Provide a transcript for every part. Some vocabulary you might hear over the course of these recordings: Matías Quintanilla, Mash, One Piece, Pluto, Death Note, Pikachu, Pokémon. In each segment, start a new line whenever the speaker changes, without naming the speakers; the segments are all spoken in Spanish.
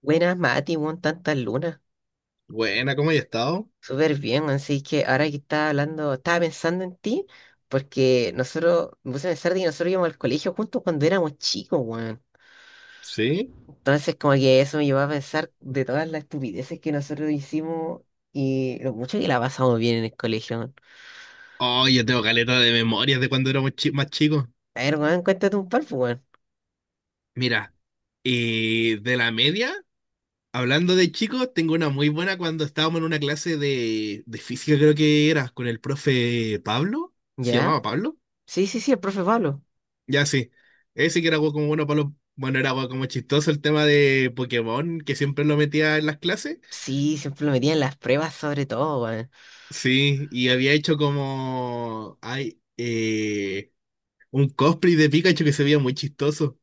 Buenas, Mati, weón, tantas lunas.
Buena, ¿cómo has estado?
Súper bien, weón. Así que ahora que estaba hablando, estaba pensando en ti, porque nosotros, me puse a pensar de que nosotros íbamos al colegio juntos cuando éramos chicos, weón.
¿Sí?
Entonces, como que eso me llevó a pensar de todas las estupideces que nosotros hicimos y lo mucho que la pasamos bien en el colegio, weón.
Oh, yo tengo caleta de memorias de cuando más chicos.
A ver, weón, cuéntate un par, pues, weón.
Mira, y de la media, hablando de chicos, tengo una muy buena cuando estábamos en una clase de física, creo que era, con el profe Pablo. ¿Se llamaba
¿Ya?
Pablo?
Sí, el profe Pablo.
Ya, sí. Ese que era algo como bueno, Pablo. Bueno, era algo como chistoso el tema de Pokémon, que siempre lo metía en las clases.
Sí, siempre lo metían en las pruebas, sobre todo, weón.
Sí, y había hecho como. Ay, un cosplay de Pikachu que se veía muy chistoso.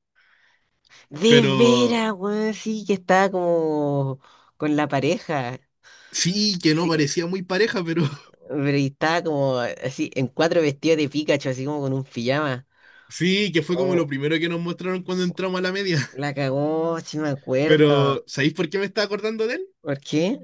De
Pero
veras, weón, sí, que estaba como con la pareja.
sí, que no
Sí,
parecía muy pareja, pero
pero y estaba como así, en cuatro vestidos de Pikachu, así como con un pijama.
sí, que fue como
Oh,
lo primero que nos mostraron cuando entramos a la media.
la cagó, sí me acuerdo.
Pero, ¿sabéis por qué me estaba acordando de él?
¿Por qué?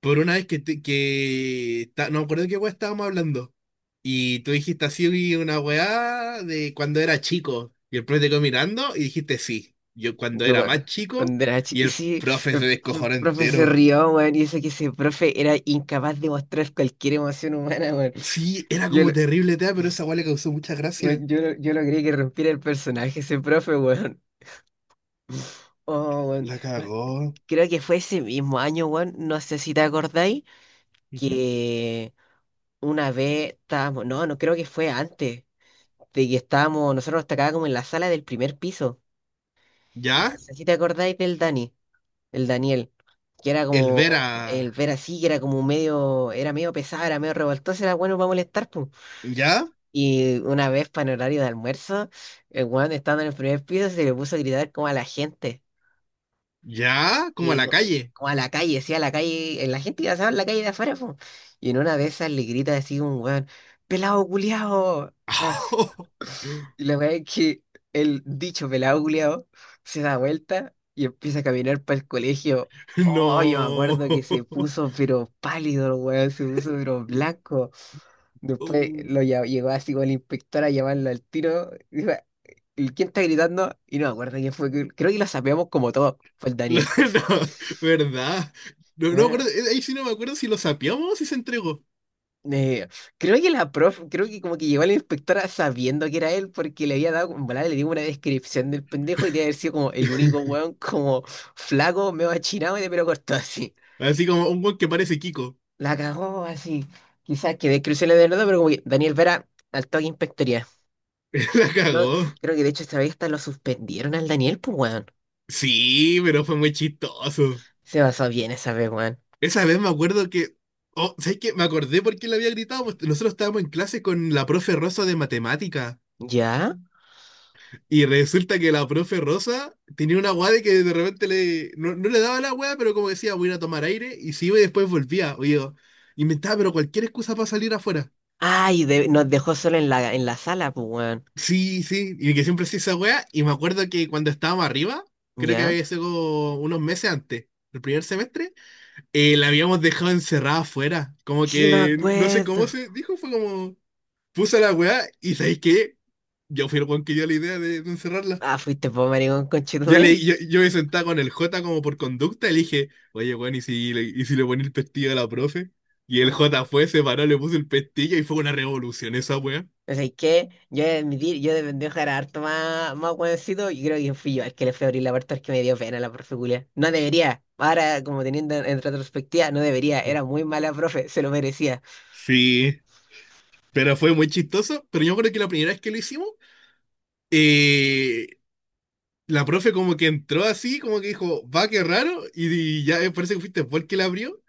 Por una vez que no me acuerdo de qué weá estábamos hablando. Y tú dijiste así una weá de cuando era chico. Y el profe te quedó mirando y dijiste sí. Yo cuando
Yo,
era
bueno,
más chico y el
sí,
profe
el,
se
el
descojonó
profe se
entero.
rió, weón, y eso que ese profe era incapaz de mostrar cualquier emoción humana, weón.
Sí, era
Yo,
como
lo-
terrible, tea, pero esa weá le causó mucha gracia.
yo logré que rompiera el personaje ese profe, weón. Oh, weón.
La
Weón,
cagó.
creo que fue ese mismo año, weón, no sé si te acordáis,
Ujú.
que una vez estábamos, no, no creo que fue antes. Nosotros estábamos como en la sala del primer piso. Y no
¿Ya?
sé si te acordáis del Dani, el Daniel, que era
El ver
como el
a,
ver así, que era como medio, era medio pesado, era medio revoltoso, era bueno para molestar, pum.
¿ya?
Y una vez para el horario de almuerzo, el weón estando en el primer piso se le puso a gritar como a la gente.
¿Ya? Como
Y
a
en
la
u-
calle.
Como a la calle, sí, a la calle, en la gente iba a en la calle de afuera, pum. Y en una de esas le grita así un weón, pelado culiao. Y la verdad es que el dicho pelado culiao se da vuelta y empieza a caminar para el colegio. Oh, yo me
No.
acuerdo que se puso pero pálido el weón, se puso pero blanco. Después
Uh,
llegó así con el inspector a llamarlo al tiro. Dijo, "¿Y ¿quién está gritando? Y no me acuerdo quién fue. Creo que lo sabíamos como todo. Fue el
no,
Daniel". Así.
¿verdad? No, no me
Bueno,
acuerdo, ahí sí no me acuerdo si lo sapeamos o si se entregó.
Eh, creo que la prof, creo que como que llegó a la inspectora sabiendo que era él porque le había dado, en volada le dio una descripción del pendejo y debe haber sido como el único weón como flaco, medio achinado y de pelo corto así.
Así como un weón que parece Kiko.
La cagó así. Quizás que descripción le de nada, pero como que Daniel Vera al toque inspectoría.
La
Creo,
cagó.
Creo que de hecho esta vez hasta lo suspendieron al Daniel, pues weón.
Sí, pero fue muy chistoso.
Se basó bien esa vez, weón.
Esa vez me acuerdo que. Oh, ¿sabes qué? Me acordé por qué le había gritado, pues. Nosotros estábamos en clase con la profe Rosa de matemática.
¿Ya?
Y resulta que la profe Rosa tenía una guada de que de repente le, no, no le daba la guada, pero como decía, voy a ir a tomar aire, y se iba y después volvía. Oye, inventaba, pero cualquier excusa para salir afuera.
Ay, de- nos dejó solo en la sala, pues weón.
Sí, sí, y que siempre hacía esa wea. Y me acuerdo que cuando estábamos arriba, creo que
¿Ya?
había sido unos meses antes, el primer semestre, la habíamos dejado encerrada afuera. Como
Sí me
que no sé cómo
acuerdo.
se dijo, fue como, puse la wea, y ¿sabéis qué? Yo fui el weón que dio la idea de encerrarla.
Ah, fuiste vos, maricón,
Yo, le,
conchetumare.
yo, yo me sentaba con el J como por conducta y le dije, oye, bueno, ¿y si le ponía el pestillo a la profe? Y el
Oh.
J fue, se paró, le puso el pestillo y fue una revolución esa wea.
O sea, es que yo he de admitir, yo de pendejo era harto más, más hueoncito y creo que fui yo el que le fui a abrir la puerta, es que me dio pena la profe culia. No debería. Ahora, como teniendo en retrospectiva, no debería. Era muy mala profe, se lo merecía.
Sí, pero fue muy chistoso. Pero yo creo que la primera vez que lo hicimos, eh, la profe como que entró así, como que dijo, va, qué raro, y ya, parece que fuiste vos el que la abrió.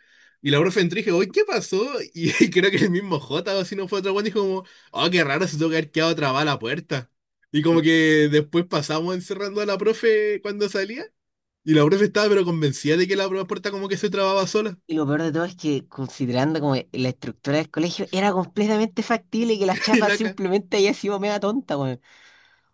Y la profe entró y dije, oye, ¿qué pasó? Y y creo que el mismo J, o si no fue otro weón, dijo como, oh, qué raro, se tuvo que haber quedado trabada la puerta. Y como que después pasamos encerrando a la profe cuando salía. Y la profe estaba pero convencida de que la puerta como que se trababa sola.
Y lo peor de todo es que, considerando como la estructura del colegio, era completamente factible que la
en
chapa
la ca-
simplemente haya sido mega tonta, weón.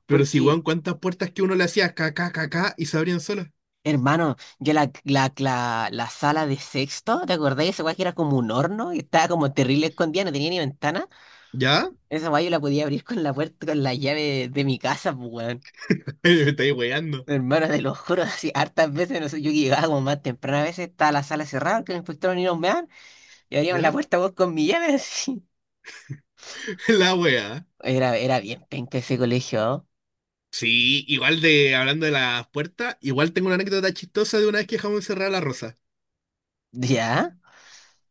Pero si, weón,
Porque,
cuántas puertas que uno le hacía, ca, ca, ca, ca, y se abrían solas.
hermano, yo la, la, la, la sala de sexto, ¿te acordás? Esa weá que era como un horno y estaba como terrible escondida, no tenía ni ventana.
¿Ya?
Esa guay yo la podía abrir con la puerta, con la llave de mi casa, pues, weón.
Me estáis weando.
Hermano, te lo juro, así hartas veces, no sé, yo llegaba como más temprano, a veces estaba la sala cerrada, que los inspectores ni nos meaban, y abríamos la
¿Ya?
puerta vos con mi llave, así.
La wea.
Era, era bien penca ese colegio, ¿no?
Sí, igual de hablando de las puertas, igual tengo una anécdota chistosa de una vez que dejamos encerrada a la Rosa.
¿Ya?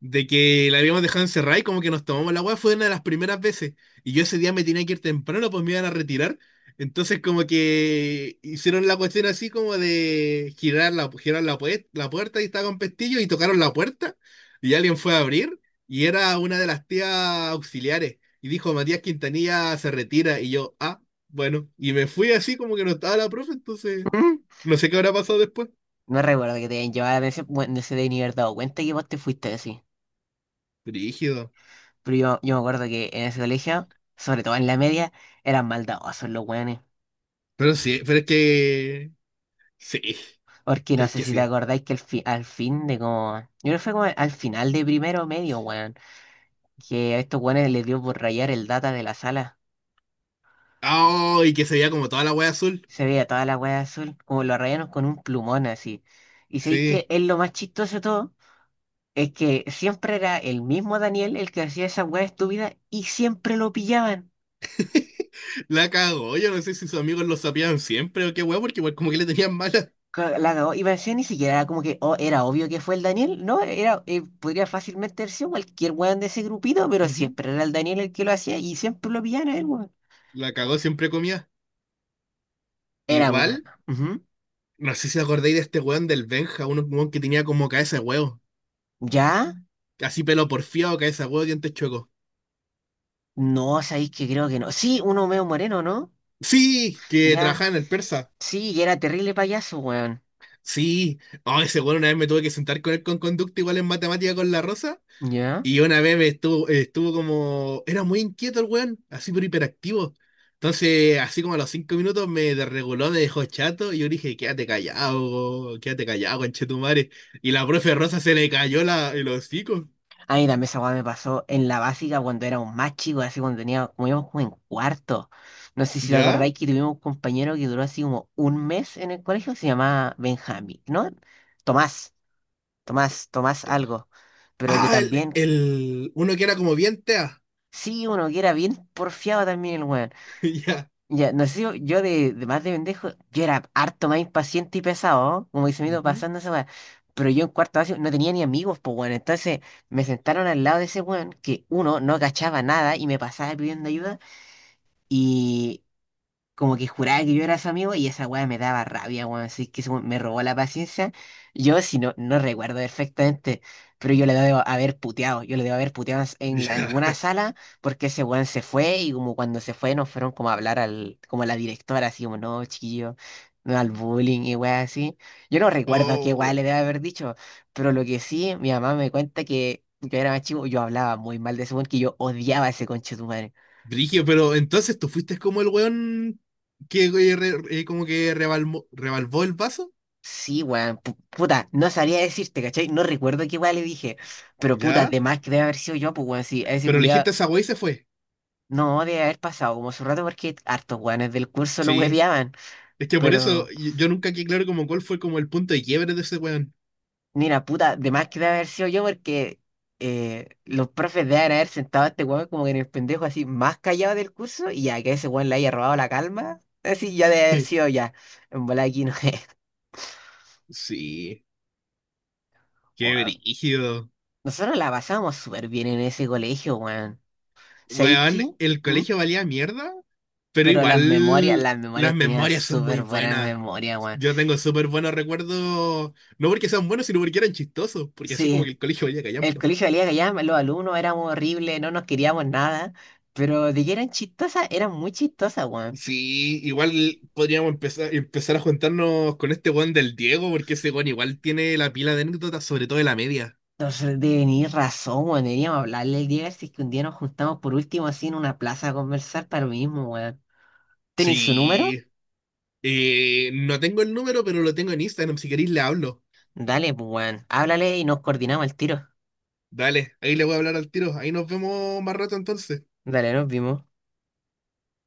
De que la habíamos dejado encerrada y como que nos tomamos la agua, fue una de las primeras veces. Y yo ese día me tenía que ir temprano, pues me iban a retirar. Entonces como que hicieron la cuestión así como de girar la puerta y estaba con pestillo y tocaron la puerta y alguien fue a abrir y era una de las tías auxiliares. Y dijo, Matías Quintanilla se retira y yo, ah, bueno, y me fui así como que no estaba la profe, entonces...
¿Mm?
No sé qué habrá pasado después.
No recuerdo que te hayan llevado la atención, bueno, no se deben ni haber dado cuenta que vos te fuiste así.
Rígido.
Pero yo me acuerdo que en ese colegio, sobre todo en la media, eran maldadosos los weones.
Pero sí, pero es que. Sí,
Porque no
es
sé
que
si te
sí.
acordáis que el fi- al fin de como. Yo creo que fue como al final de primero medio, weón. Que a estos weones les dio por rayar el data de la sala.
Ah, y que se veía como toda la wea azul.
Se veía toda la weá azul, como lo rayaron con un plumón así. Y sé que
Sí.
es lo más chistoso de todo. Es que siempre era el mismo Daniel el que hacía esa weá estúpida y siempre lo pillaban.
La cagó. Yo no sé si sus amigos lo sabían siempre o qué wea, porque igual como que le tenían mala.
La cagó. Y parecía ni siquiera era como que oh, era obvio que fue el Daniel. No, era, podría fácilmente haber sido cualquier weón de ese grupito, pero
Ujú.
siempre era el Daniel el que lo hacía y siempre lo pillaban a él, weón.
La cagó, siempre comía.
Era
Igual,
moreno. Ujú.
no sé si acordáis de este weón del Benja, un weón que tenía como cabeza de huevo.
Ya,
Así pelo porfiado, cabeza de huevo, dientes chuecos.
no, sabéis que creo que no. Sí, uno medio moreno, ¿no?
Sí, que
Ya,
trabajaba en el persa.
sí, y era terrible payaso, weón.
Sí. Oh, ese weón una vez me tuve que sentar con él con conducta igual en matemática con la rosa.
Ya.
Y una vez me estuvo, estuvo como, era muy inquieto el weón, así pero hiperactivo. Entonces, así como a los cinco minutos me desreguló, me dejó chato, y yo dije, quédate callado, conchetumare. Y la profe Rosa se le cayó la, el hocico.
A mí también esa weá me pasó en la básica cuando era un más chico, así cuando tenía, como íbamos como en cuarto. No sé si te
¿Ya?
acordáis que tuvimos un compañero que duró así como un mes en el colegio, se llamaba Benjamín, ¿no? Tomás, Tomás algo. Pero que
Ah,
también, que-
uno que era como bien tea.
sí, uno que era bien porfiado también el weón.
Ya.
Ya, no sé, yo de más de pendejo, yo era harto más impaciente y pesado, ¿no? Como dice me iba
Ujú.
pasando esa weá. Pero yo en cuarto básico no tenía ni amigos, pues bueno. Entonces me sentaron al lado de ese weón que uno no cachaba nada y me pasaba pidiendo ayuda como que juraba que yo era su amigo y esa weá me daba rabia, weón. Así que eso me robó la paciencia. Yo, si no, no recuerdo perfectamente, pero yo le debo haber puteado. Yo le debo haber puteado en la-
Ya.
alguna sala porque ese weón se fue y como cuando se fue nos fueron como a hablar al, como a la directora, así como, no, chiquillo, no al bullying y weá así. Yo no recuerdo qué weá le
Oh,
debo haber dicho, pero lo que sí, mi mamá me cuenta que yo era más chico, yo hablaba muy mal de ese weón, que yo odiaba a ese conche.
Brigio, pero entonces tú fuiste como el weón que como que rebalvó el vaso.
Sí, weón, pu- puta, no sabría decirte, ¿cachai? No recuerdo qué weón le dije, pero puta,
¿Ya?
de más que debe haber sido yo, pues weón, sí, a ese
Pero
culiado
elegiste esa weá y se fue.
no debe haber pasado como su rato porque hartos weones del curso lo
Sí.
hueveaban,
Es que por eso
pero
yo nunca quedé claro como cuál fue como el punto de quiebre de ese weón.
mira, puta, de más que debe haber sido yo porque los profes deben haber sentado a este weón como que en el pendejo así más callado del curso y ya que ese weón le haya robado la calma, así ya debe haber sido ya, en bola aquí no es,
Sí, qué
weón.
brígido.
Nosotros la pasábamos súper bien en ese colegio, weón. ¿Sabéis
Weón,
qué?
el
¿Mm?
colegio valía mierda, pero
Pero
igual
las
las
memorias tenían
memorias son muy
súper buenas
buenas.
memorias, weón.
Yo tengo súper buenos recuerdos, no porque sean buenos, sino porque eran chistosos, porque así como
Sí,
que el colegio valía
el
callampa.
colegio valía que ya los alumnos éramos horribles, no nos queríamos nada, pero de que eran chistosas, eran muy chistosas, weón.
Sí, igual podríamos empezar a juntarnos con este weón del Diego, porque ese weón igual tiene la pila de anécdotas, sobre todo de la media.
Entonces, de venir razón, weón, deberíamos hablarle el día, a ver si es que un día nos juntamos por último así en una plaza a conversar para lo mismo, weón. ¿Tenís su número?
Sí, eh, no tengo el número, pero lo tengo en Instagram. Si queréis, le hablo.
Dale, pues, weón, háblale y nos coordinamos el tiro.
Dale, ahí le voy a hablar al tiro. Ahí nos vemos más rato entonces.
Dale, nos vimos.